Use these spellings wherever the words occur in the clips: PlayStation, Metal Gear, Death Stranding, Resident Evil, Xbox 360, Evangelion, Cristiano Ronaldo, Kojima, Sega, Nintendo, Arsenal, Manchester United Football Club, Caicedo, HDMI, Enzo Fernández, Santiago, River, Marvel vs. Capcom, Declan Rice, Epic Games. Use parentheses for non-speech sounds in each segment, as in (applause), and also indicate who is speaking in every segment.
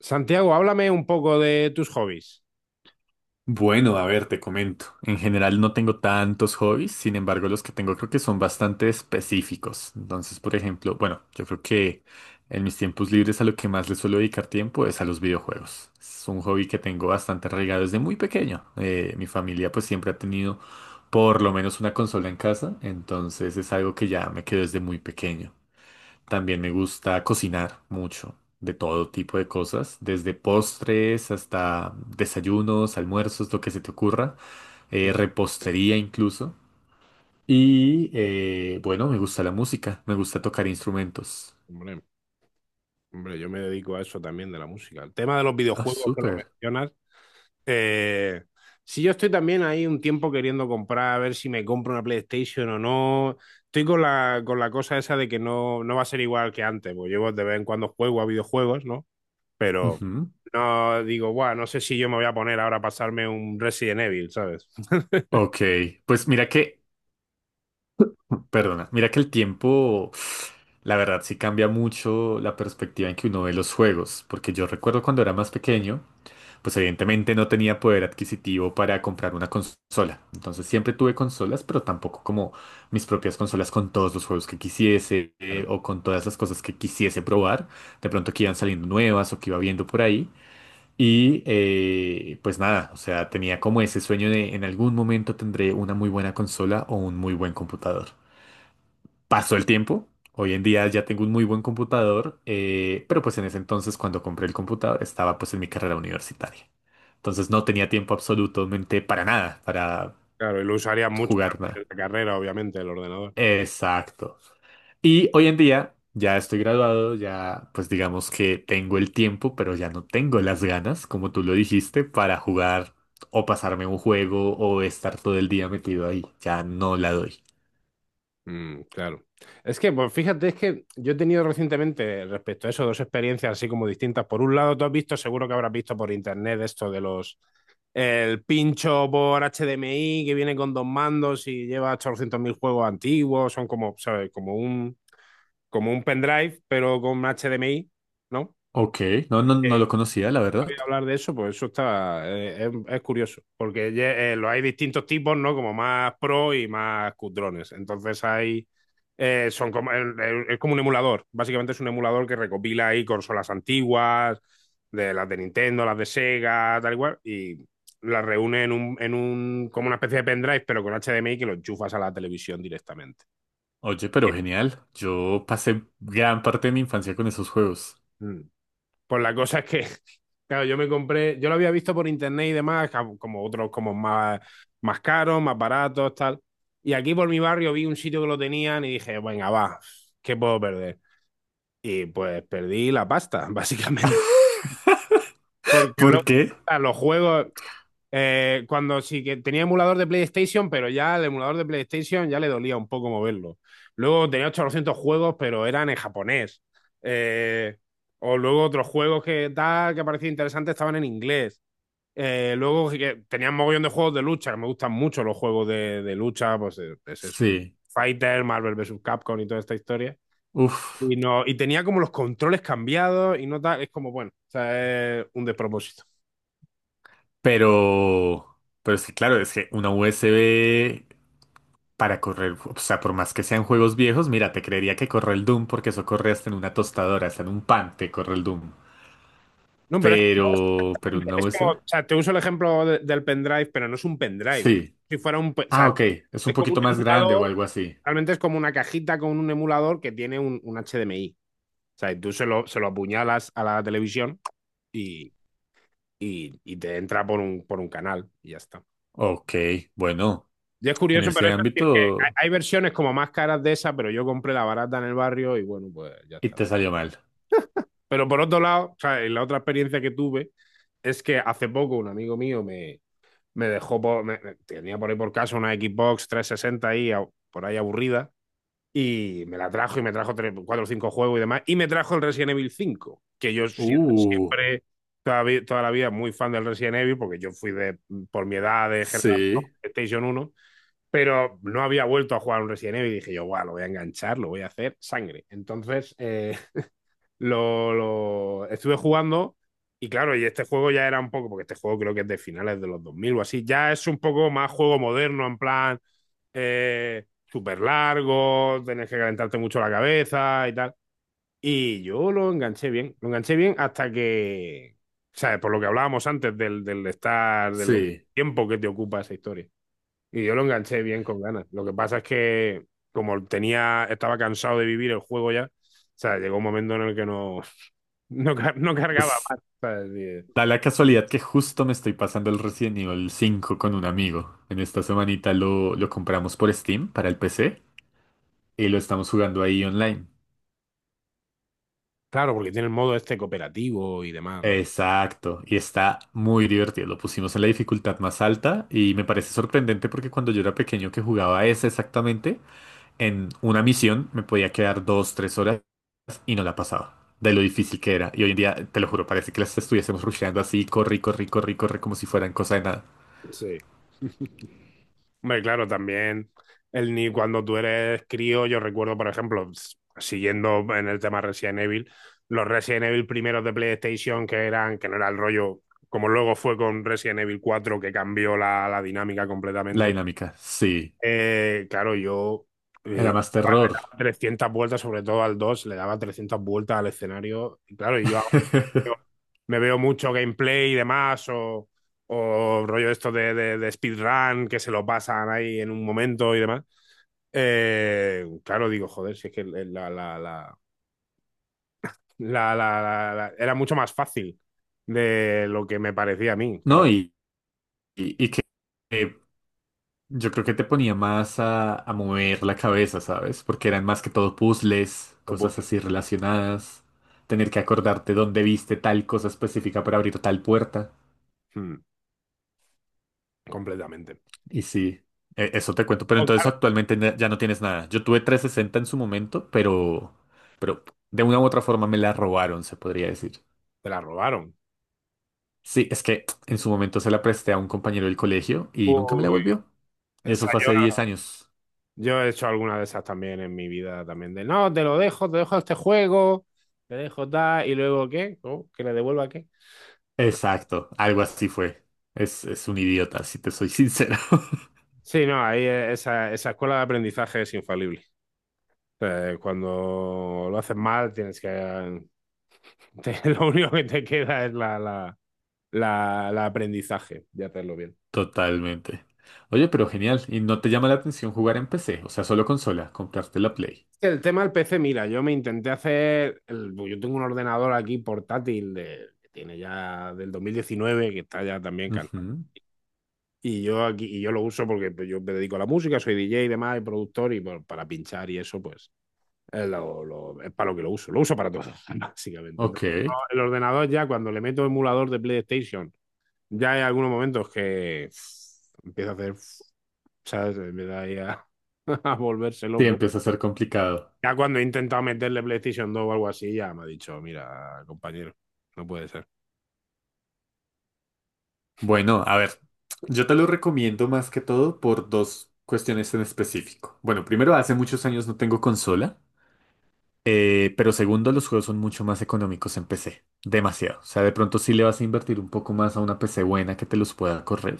Speaker 1: Santiago, háblame un poco de tus hobbies.
Speaker 2: Bueno, a ver, te comento. En general no tengo tantos hobbies, sin embargo los que tengo creo que son bastante específicos. Entonces, por ejemplo, bueno, yo creo que en mis tiempos libres a lo que más le suelo dedicar tiempo es a los videojuegos. Es un hobby que tengo bastante arraigado desde muy pequeño. Mi familia pues siempre ha tenido por lo menos una consola en casa, entonces es algo que ya me quedó desde muy pequeño. También me gusta cocinar mucho, de todo tipo de cosas, desde postres hasta desayunos, almuerzos, lo que se te ocurra, repostería incluso. Y bueno, me gusta la música, me gusta tocar instrumentos.
Speaker 1: Hombre, hombre, yo me dedico a eso también de la música. El tema de los
Speaker 2: Ah,
Speaker 1: videojuegos que lo
Speaker 2: súper.
Speaker 1: mencionas. eh, sí, yo estoy también ahí un tiempo queriendo comprar, a ver si me compro una PlayStation o no. Estoy con la cosa esa de que no, no va a ser igual que antes, porque yo de vez en cuando juego a videojuegos, ¿no? Pero
Speaker 2: Ujú.
Speaker 1: no digo, guau, no sé si yo me voy a poner ahora a pasarme un Resident Evil, ¿sabes? (laughs)
Speaker 2: Ok, pues mira que, perdona, mira que el tiempo, la verdad sí cambia mucho la perspectiva en que uno ve los juegos, porque yo recuerdo cuando era más pequeño, pues evidentemente no tenía poder adquisitivo para comprar una consola. Entonces siempre tuve consolas, pero tampoco como mis propias consolas con todos los juegos que quisiese
Speaker 1: Claro,
Speaker 2: o con todas las cosas que quisiese probar. De pronto que iban saliendo nuevas o que iba viendo por ahí. Y pues nada, o sea, tenía como ese sueño de en algún momento tendré una muy buena consola o un muy buen computador. Pasó el tiempo. Hoy en día ya tengo un muy buen computador, pero pues en ese entonces cuando compré el computador estaba pues en mi carrera universitaria. Entonces no tenía tiempo absolutamente para nada, para
Speaker 1: claro, y lo usaría mucho
Speaker 2: jugar
Speaker 1: también
Speaker 2: nada.
Speaker 1: en la carrera, obviamente, el ordenador.
Speaker 2: Exacto. Y hoy en día ya estoy graduado, ya pues digamos que tengo el tiempo, pero ya no tengo las ganas, como tú lo dijiste, para jugar o pasarme un juego o estar todo el día metido ahí. Ya no la doy.
Speaker 1: Mm, claro. Es que, pues fíjate, es que yo he tenido recientemente respecto a eso dos experiencias así como distintas. Por un lado, tú has visto, seguro que habrás visto por internet esto de el pincho por HDMI que viene con dos mandos y lleva 800.000 juegos antiguos, son como, ¿sabes? Como un pendrive, pero con HDMI, ¿no?
Speaker 2: Ok, no lo conocía, la verdad.
Speaker 1: Hablar de eso, pues eso está, es curioso, porque los hay distintos tipos, ¿no? Como más pro y más cutrones. Entonces son como, es como un emulador, básicamente es un emulador que recopila ahí consolas antiguas, de las de Nintendo, las de Sega, tal y cual, y las reúne en como una especie de pendrive, pero con HDMI que lo enchufas a la televisión directamente.
Speaker 2: Oye, pero genial. Yo pasé gran parte de mi infancia con esos juegos.
Speaker 1: Mm. Pues la cosa es que, (laughs) claro, yo me compré, yo lo había visto por internet y demás, como otros como más, más caros, más baratos, tal. Y aquí por mi barrio vi un sitio que lo tenían y dije, venga, va, ¿qué puedo perder? Y pues perdí la pasta, (laughs) básicamente.
Speaker 2: (laughs)
Speaker 1: Porque luego,
Speaker 2: ¿Por qué?
Speaker 1: a los juegos, cuando sí que tenía emulador de PlayStation, pero ya el emulador de PlayStation ya le dolía un poco moverlo. Luego tenía 800 juegos, pero eran en japonés. Eh, o luego otros juegos que tal, que parecía interesante estaban en inglés. Luego sí que tenían mogollón de juegos de lucha, que me gustan mucho los juegos de lucha, pues es eso. Tipo
Speaker 2: Sí.
Speaker 1: Fighter, Marvel vs. Capcom y toda esta historia.
Speaker 2: Uf.
Speaker 1: Y, no, Y tenía como los controles cambiados y no tal, es como, bueno, o sea, es un despropósito.
Speaker 2: Pero es que claro, es que una USB para correr, o sea, por más que sean juegos viejos, mira, te creería que corre el Doom porque eso corre hasta en una tostadora, hasta en un pan te corre el Doom.
Speaker 1: No, pero es que
Speaker 2: Pero
Speaker 1: no
Speaker 2: una
Speaker 1: es como,
Speaker 2: USB.
Speaker 1: o sea, te uso el ejemplo del pendrive, pero no es un pendrive.
Speaker 2: Sí.
Speaker 1: Si fuera un, o
Speaker 2: Ah,
Speaker 1: sea,
Speaker 2: ok. Es un
Speaker 1: es como un
Speaker 2: poquito más grande o
Speaker 1: emulador,
Speaker 2: algo así.
Speaker 1: realmente es como una cajita con un emulador que tiene un HDMI. O sea, y tú se lo apuñalas a la televisión y, y te entra por un canal y ya está.
Speaker 2: Ok, bueno,
Speaker 1: Y es
Speaker 2: en
Speaker 1: curioso, pero
Speaker 2: ese
Speaker 1: es decir que
Speaker 2: ámbito
Speaker 1: hay versiones como más caras de esa, pero yo compré la barata en el barrio y bueno, pues ya
Speaker 2: y
Speaker 1: está.
Speaker 2: te salió mal.
Speaker 1: Pero por otro lado, o sea, y la otra experiencia que tuve es que hace poco un amigo mío me, me dejó, por, me, tenía por ahí por casa una Xbox 360 ahí, por ahí aburrida, y me la trajo y me trajo cuatro o cinco juegos y demás, y me trajo el Resident Evil 5, que yo
Speaker 2: Uh.
Speaker 1: siempre, toda la vida, muy fan del Resident Evil, porque yo fui de, por mi edad de generación
Speaker 2: Sí,
Speaker 1: PlayStation uno, pero no había vuelto a jugar un Resident Evil y dije yo, guau, lo voy a enganchar, lo voy a hacer sangre. Entonces, lo estuve jugando y claro, y este juego ya era un poco, porque este juego creo que es de finales de los 2000 o así, ya es un poco más juego moderno, en plan súper largo, tenés que calentarte mucho la cabeza y tal. Y yo lo enganché bien hasta que, ¿sabes? Por lo que hablábamos antes del estar, del
Speaker 2: sí.
Speaker 1: tiempo que te ocupa esa historia. Y yo lo enganché bien con ganas. Lo que pasa es que como tenía, estaba cansado de vivir el juego ya, o sea, llegó un momento en el que no, (laughs) no, no cargaba
Speaker 2: Pues
Speaker 1: más. ¿Sabes? Y,
Speaker 2: da la casualidad que justo me estoy pasando el Resident Evil 5 con un amigo. En esta semanita lo compramos por Steam para el PC y lo estamos jugando ahí online.
Speaker 1: claro, porque tiene el modo este cooperativo y demás, ¿no?
Speaker 2: Exacto, y está muy divertido. Lo pusimos en la dificultad más alta y me parece sorprendente porque cuando yo era pequeño que jugaba ese exactamente, en una misión me podía quedar 2, 3 horas y no la pasaba. De lo difícil que era. Y hoy en día, te lo juro, parece que las estuviésemos rusheando así, corre, corre, corre, corre, como si fueran cosa de nada.
Speaker 1: Sí. (laughs) Hombre, claro, también el ni cuando tú eres crío, yo recuerdo, por ejemplo, siguiendo en el tema Resident Evil, los Resident Evil primeros de PlayStation que eran, que no era el rollo, como luego fue con Resident Evil cuatro que cambió la dinámica
Speaker 2: La
Speaker 1: completamente.
Speaker 2: dinámica, sí.
Speaker 1: Claro, yo
Speaker 2: Era
Speaker 1: eh,
Speaker 2: más
Speaker 1: daba-
Speaker 2: terror.
Speaker 1: daba 300 vueltas, sobre todo al 2 le daba 300 vueltas al escenario. Y claro, yo ahora
Speaker 2: (laughs)
Speaker 1: veo- me veo mucho gameplay y demás, o rollo esto de speedrun, que se lo pasan ahí en un momento y demás. Claro, digo, joder, si es que era mucho más fácil de lo que me parecía a mí,
Speaker 2: No,
Speaker 1: claro.
Speaker 2: y que eh, yo creo que te ponía más a mover la cabeza, ¿sabes? Porque eran más que todo puzzles,
Speaker 1: Lo puedo-
Speaker 2: cosas así relacionadas, tener que acordarte dónde viste tal cosa específica para abrir tal puerta.
Speaker 1: mm, completamente.
Speaker 2: Y sí, eso te cuento. Pero
Speaker 1: Oh,
Speaker 2: entonces
Speaker 1: claro,
Speaker 2: actualmente ya no tienes nada. Yo tuve 360 en su momento, pero de una u otra forma me la robaron, se podría decir.
Speaker 1: te la robaron.
Speaker 2: Sí, es que en su momento se la presté a un compañero del colegio y nunca me la
Speaker 1: Uy,
Speaker 2: volvió. Y
Speaker 1: esa
Speaker 2: eso fue
Speaker 1: yo.
Speaker 2: hace 10 años.
Speaker 1: Yo he hecho alguna de esas también en mi vida también. De no, te lo dejo, te dejo este juego, te dejo tal, y luego ¿qué? ¿Cómo? ¿Que le devuelva qué?
Speaker 2: Exacto, algo así fue. Es un idiota, si te soy sincero. (laughs)
Speaker 1: Sí, no, ahí esa escuela de aprendizaje es infalible. Cuando lo haces mal, tienes que. (laughs) Lo único que te queda es la aprendizaje de hacerlo bien.
Speaker 2: Totalmente. Oye, pero genial. ¿Y no te llama la atención jugar en PC? O sea, solo consola, comprarte la Play.
Speaker 1: El tema del PC, mira, yo me intenté hacer. Pues yo tengo un ordenador aquí portátil de, que tiene ya del 2019 que está ya también.
Speaker 2: Ujú.
Speaker 1: Y yo aquí, y yo lo uso porque pues, yo me dedico a la música, soy DJ y demás, y productor, y bueno, para pinchar y eso, pues es, es para lo que lo uso. Lo uso para todo, (laughs) básicamente.
Speaker 2: Ok.
Speaker 1: Entonces, no, el ordenador ya, cuando le meto emulador de PlayStation, ya hay algunos momentos que uff, empieza a hacer, uff, ¿sabes? Me da ahí a, (laughs) a volverse
Speaker 2: Sí,
Speaker 1: loco.
Speaker 2: empieza a ser complicado.
Speaker 1: Ya cuando he intentado meterle PlayStation dos o algo así, ya me ha dicho, mira, compañero, no puede ser.
Speaker 2: Bueno, a ver, yo te lo recomiendo más que todo por dos cuestiones en específico. Bueno, primero, hace muchos años no tengo consola, pero segundo, los juegos son mucho más económicos en PC, demasiado. O sea, de pronto sí le vas a invertir un poco más a una PC buena que te los pueda correr.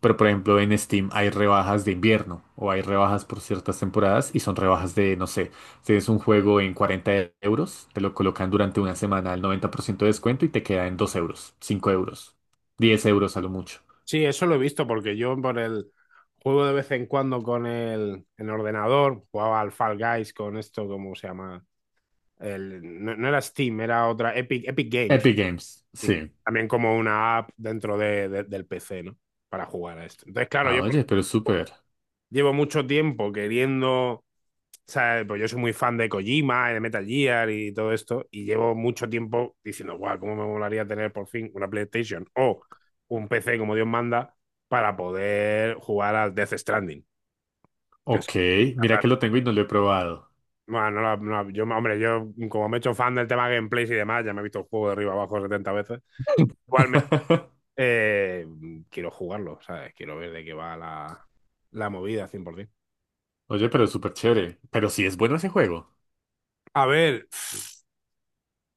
Speaker 2: Pero por ejemplo, en Steam hay rebajas de invierno o hay rebajas por ciertas temporadas y son rebajas de, no sé, si es un juego en 40 euros, te lo colocan durante una semana al 90% de descuento y te queda en 2 euros, 5 euros, 10 euros a lo mucho.
Speaker 1: Sí, eso lo he visto porque yo por el juego de vez en cuando con el, en ordenador, jugaba al Fall Guys con esto, ¿cómo se llama? El, no, no era Steam, era otra Epic, Epic Games.
Speaker 2: Epic Games,
Speaker 1: Así que
Speaker 2: sí.
Speaker 1: también como una app dentro del PC, ¿no? Para jugar a esto. Entonces, claro,
Speaker 2: Ah,
Speaker 1: yo por,
Speaker 2: oye, pero es súper.
Speaker 1: llevo mucho tiempo queriendo. O sea, pues yo soy muy fan de Kojima, y de Metal Gear y todo esto, y llevo mucho tiempo diciendo, guau, cómo me molaría tener por fin una PlayStation o un PC como Dios manda para poder jugar al Death Stranding. Que es-
Speaker 2: Ok, mira que lo tengo y no lo he probado.
Speaker 1: bueno, no la- no la- yo, hombre, yo como me he hecho fan del tema gameplays y demás, ya me he visto el juego de arriba abajo 70 veces. Igualmente,
Speaker 2: (laughs)
Speaker 1: eh, quiero jugarlo, ¿sabes? Quiero ver de qué va la movida 100%.
Speaker 2: Oye, pero es súper chévere. Pero sí es bueno ese juego.
Speaker 1: A ver.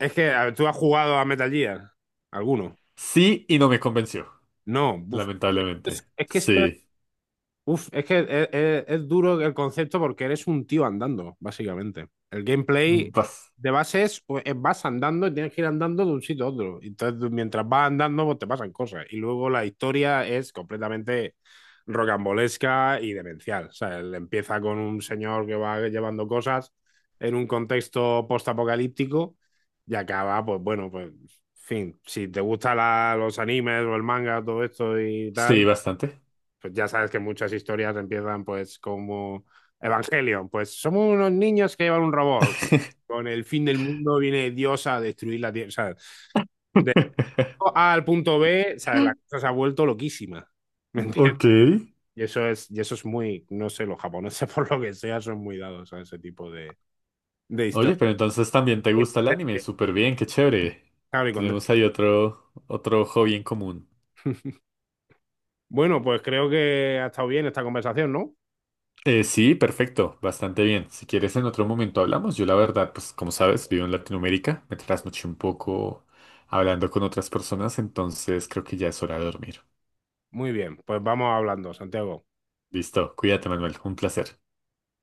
Speaker 1: Es que a ver, tú has jugado a Metal Gear, alguno.
Speaker 2: Sí, y no me convenció,
Speaker 1: No, buf.
Speaker 2: lamentablemente.
Speaker 1: Es que esto
Speaker 2: Sí.
Speaker 1: Uf, es que es duro el concepto porque eres un tío andando, básicamente. El gameplay
Speaker 2: Bas-
Speaker 1: de base es vas andando y tienes que ir andando de un sitio a otro. Entonces, mientras vas andando, pues te pasan cosas. Y luego la historia es completamente rocambolesca y demencial. O sea, él empieza con un señor que va llevando cosas en un contexto postapocalíptico y acaba, pues bueno, pues, en fin, si te gustan los animes o el manga, todo esto y
Speaker 2: sí,
Speaker 1: tal,
Speaker 2: bastante.
Speaker 1: pues ya sabes que muchas historias empiezan pues como Evangelion, pues somos unos niños que llevan un robot. Con el fin del mundo viene Dios a destruir la tierra. O sea, de
Speaker 2: (laughs)
Speaker 1: A al punto B, o sea, la cosa se ha vuelto loquísima. (laughs) ¿Me entiendes?
Speaker 2: Ok.
Speaker 1: Y eso es muy, no sé, los japoneses (laughs) por lo que sea son muy dados a ese tipo de
Speaker 2: Oye,
Speaker 1: historias.
Speaker 2: pero entonces también te gusta el anime. Súper bien, qué chévere.
Speaker 1: Claro, y con-
Speaker 2: Tenemos ahí otro, otro hobby en común.
Speaker 1: Bueno, pues creo que ha estado bien esta conversación, ¿no?
Speaker 2: Sí, perfecto, bastante bien. Si quieres, en otro momento hablamos. Yo, la verdad, pues como sabes, vivo en Latinoamérica, me trasnoché un poco hablando con otras personas, entonces creo que ya es hora de dormir.
Speaker 1: Muy bien, pues vamos hablando, Santiago.
Speaker 2: Listo, cuídate, Manuel, un placer.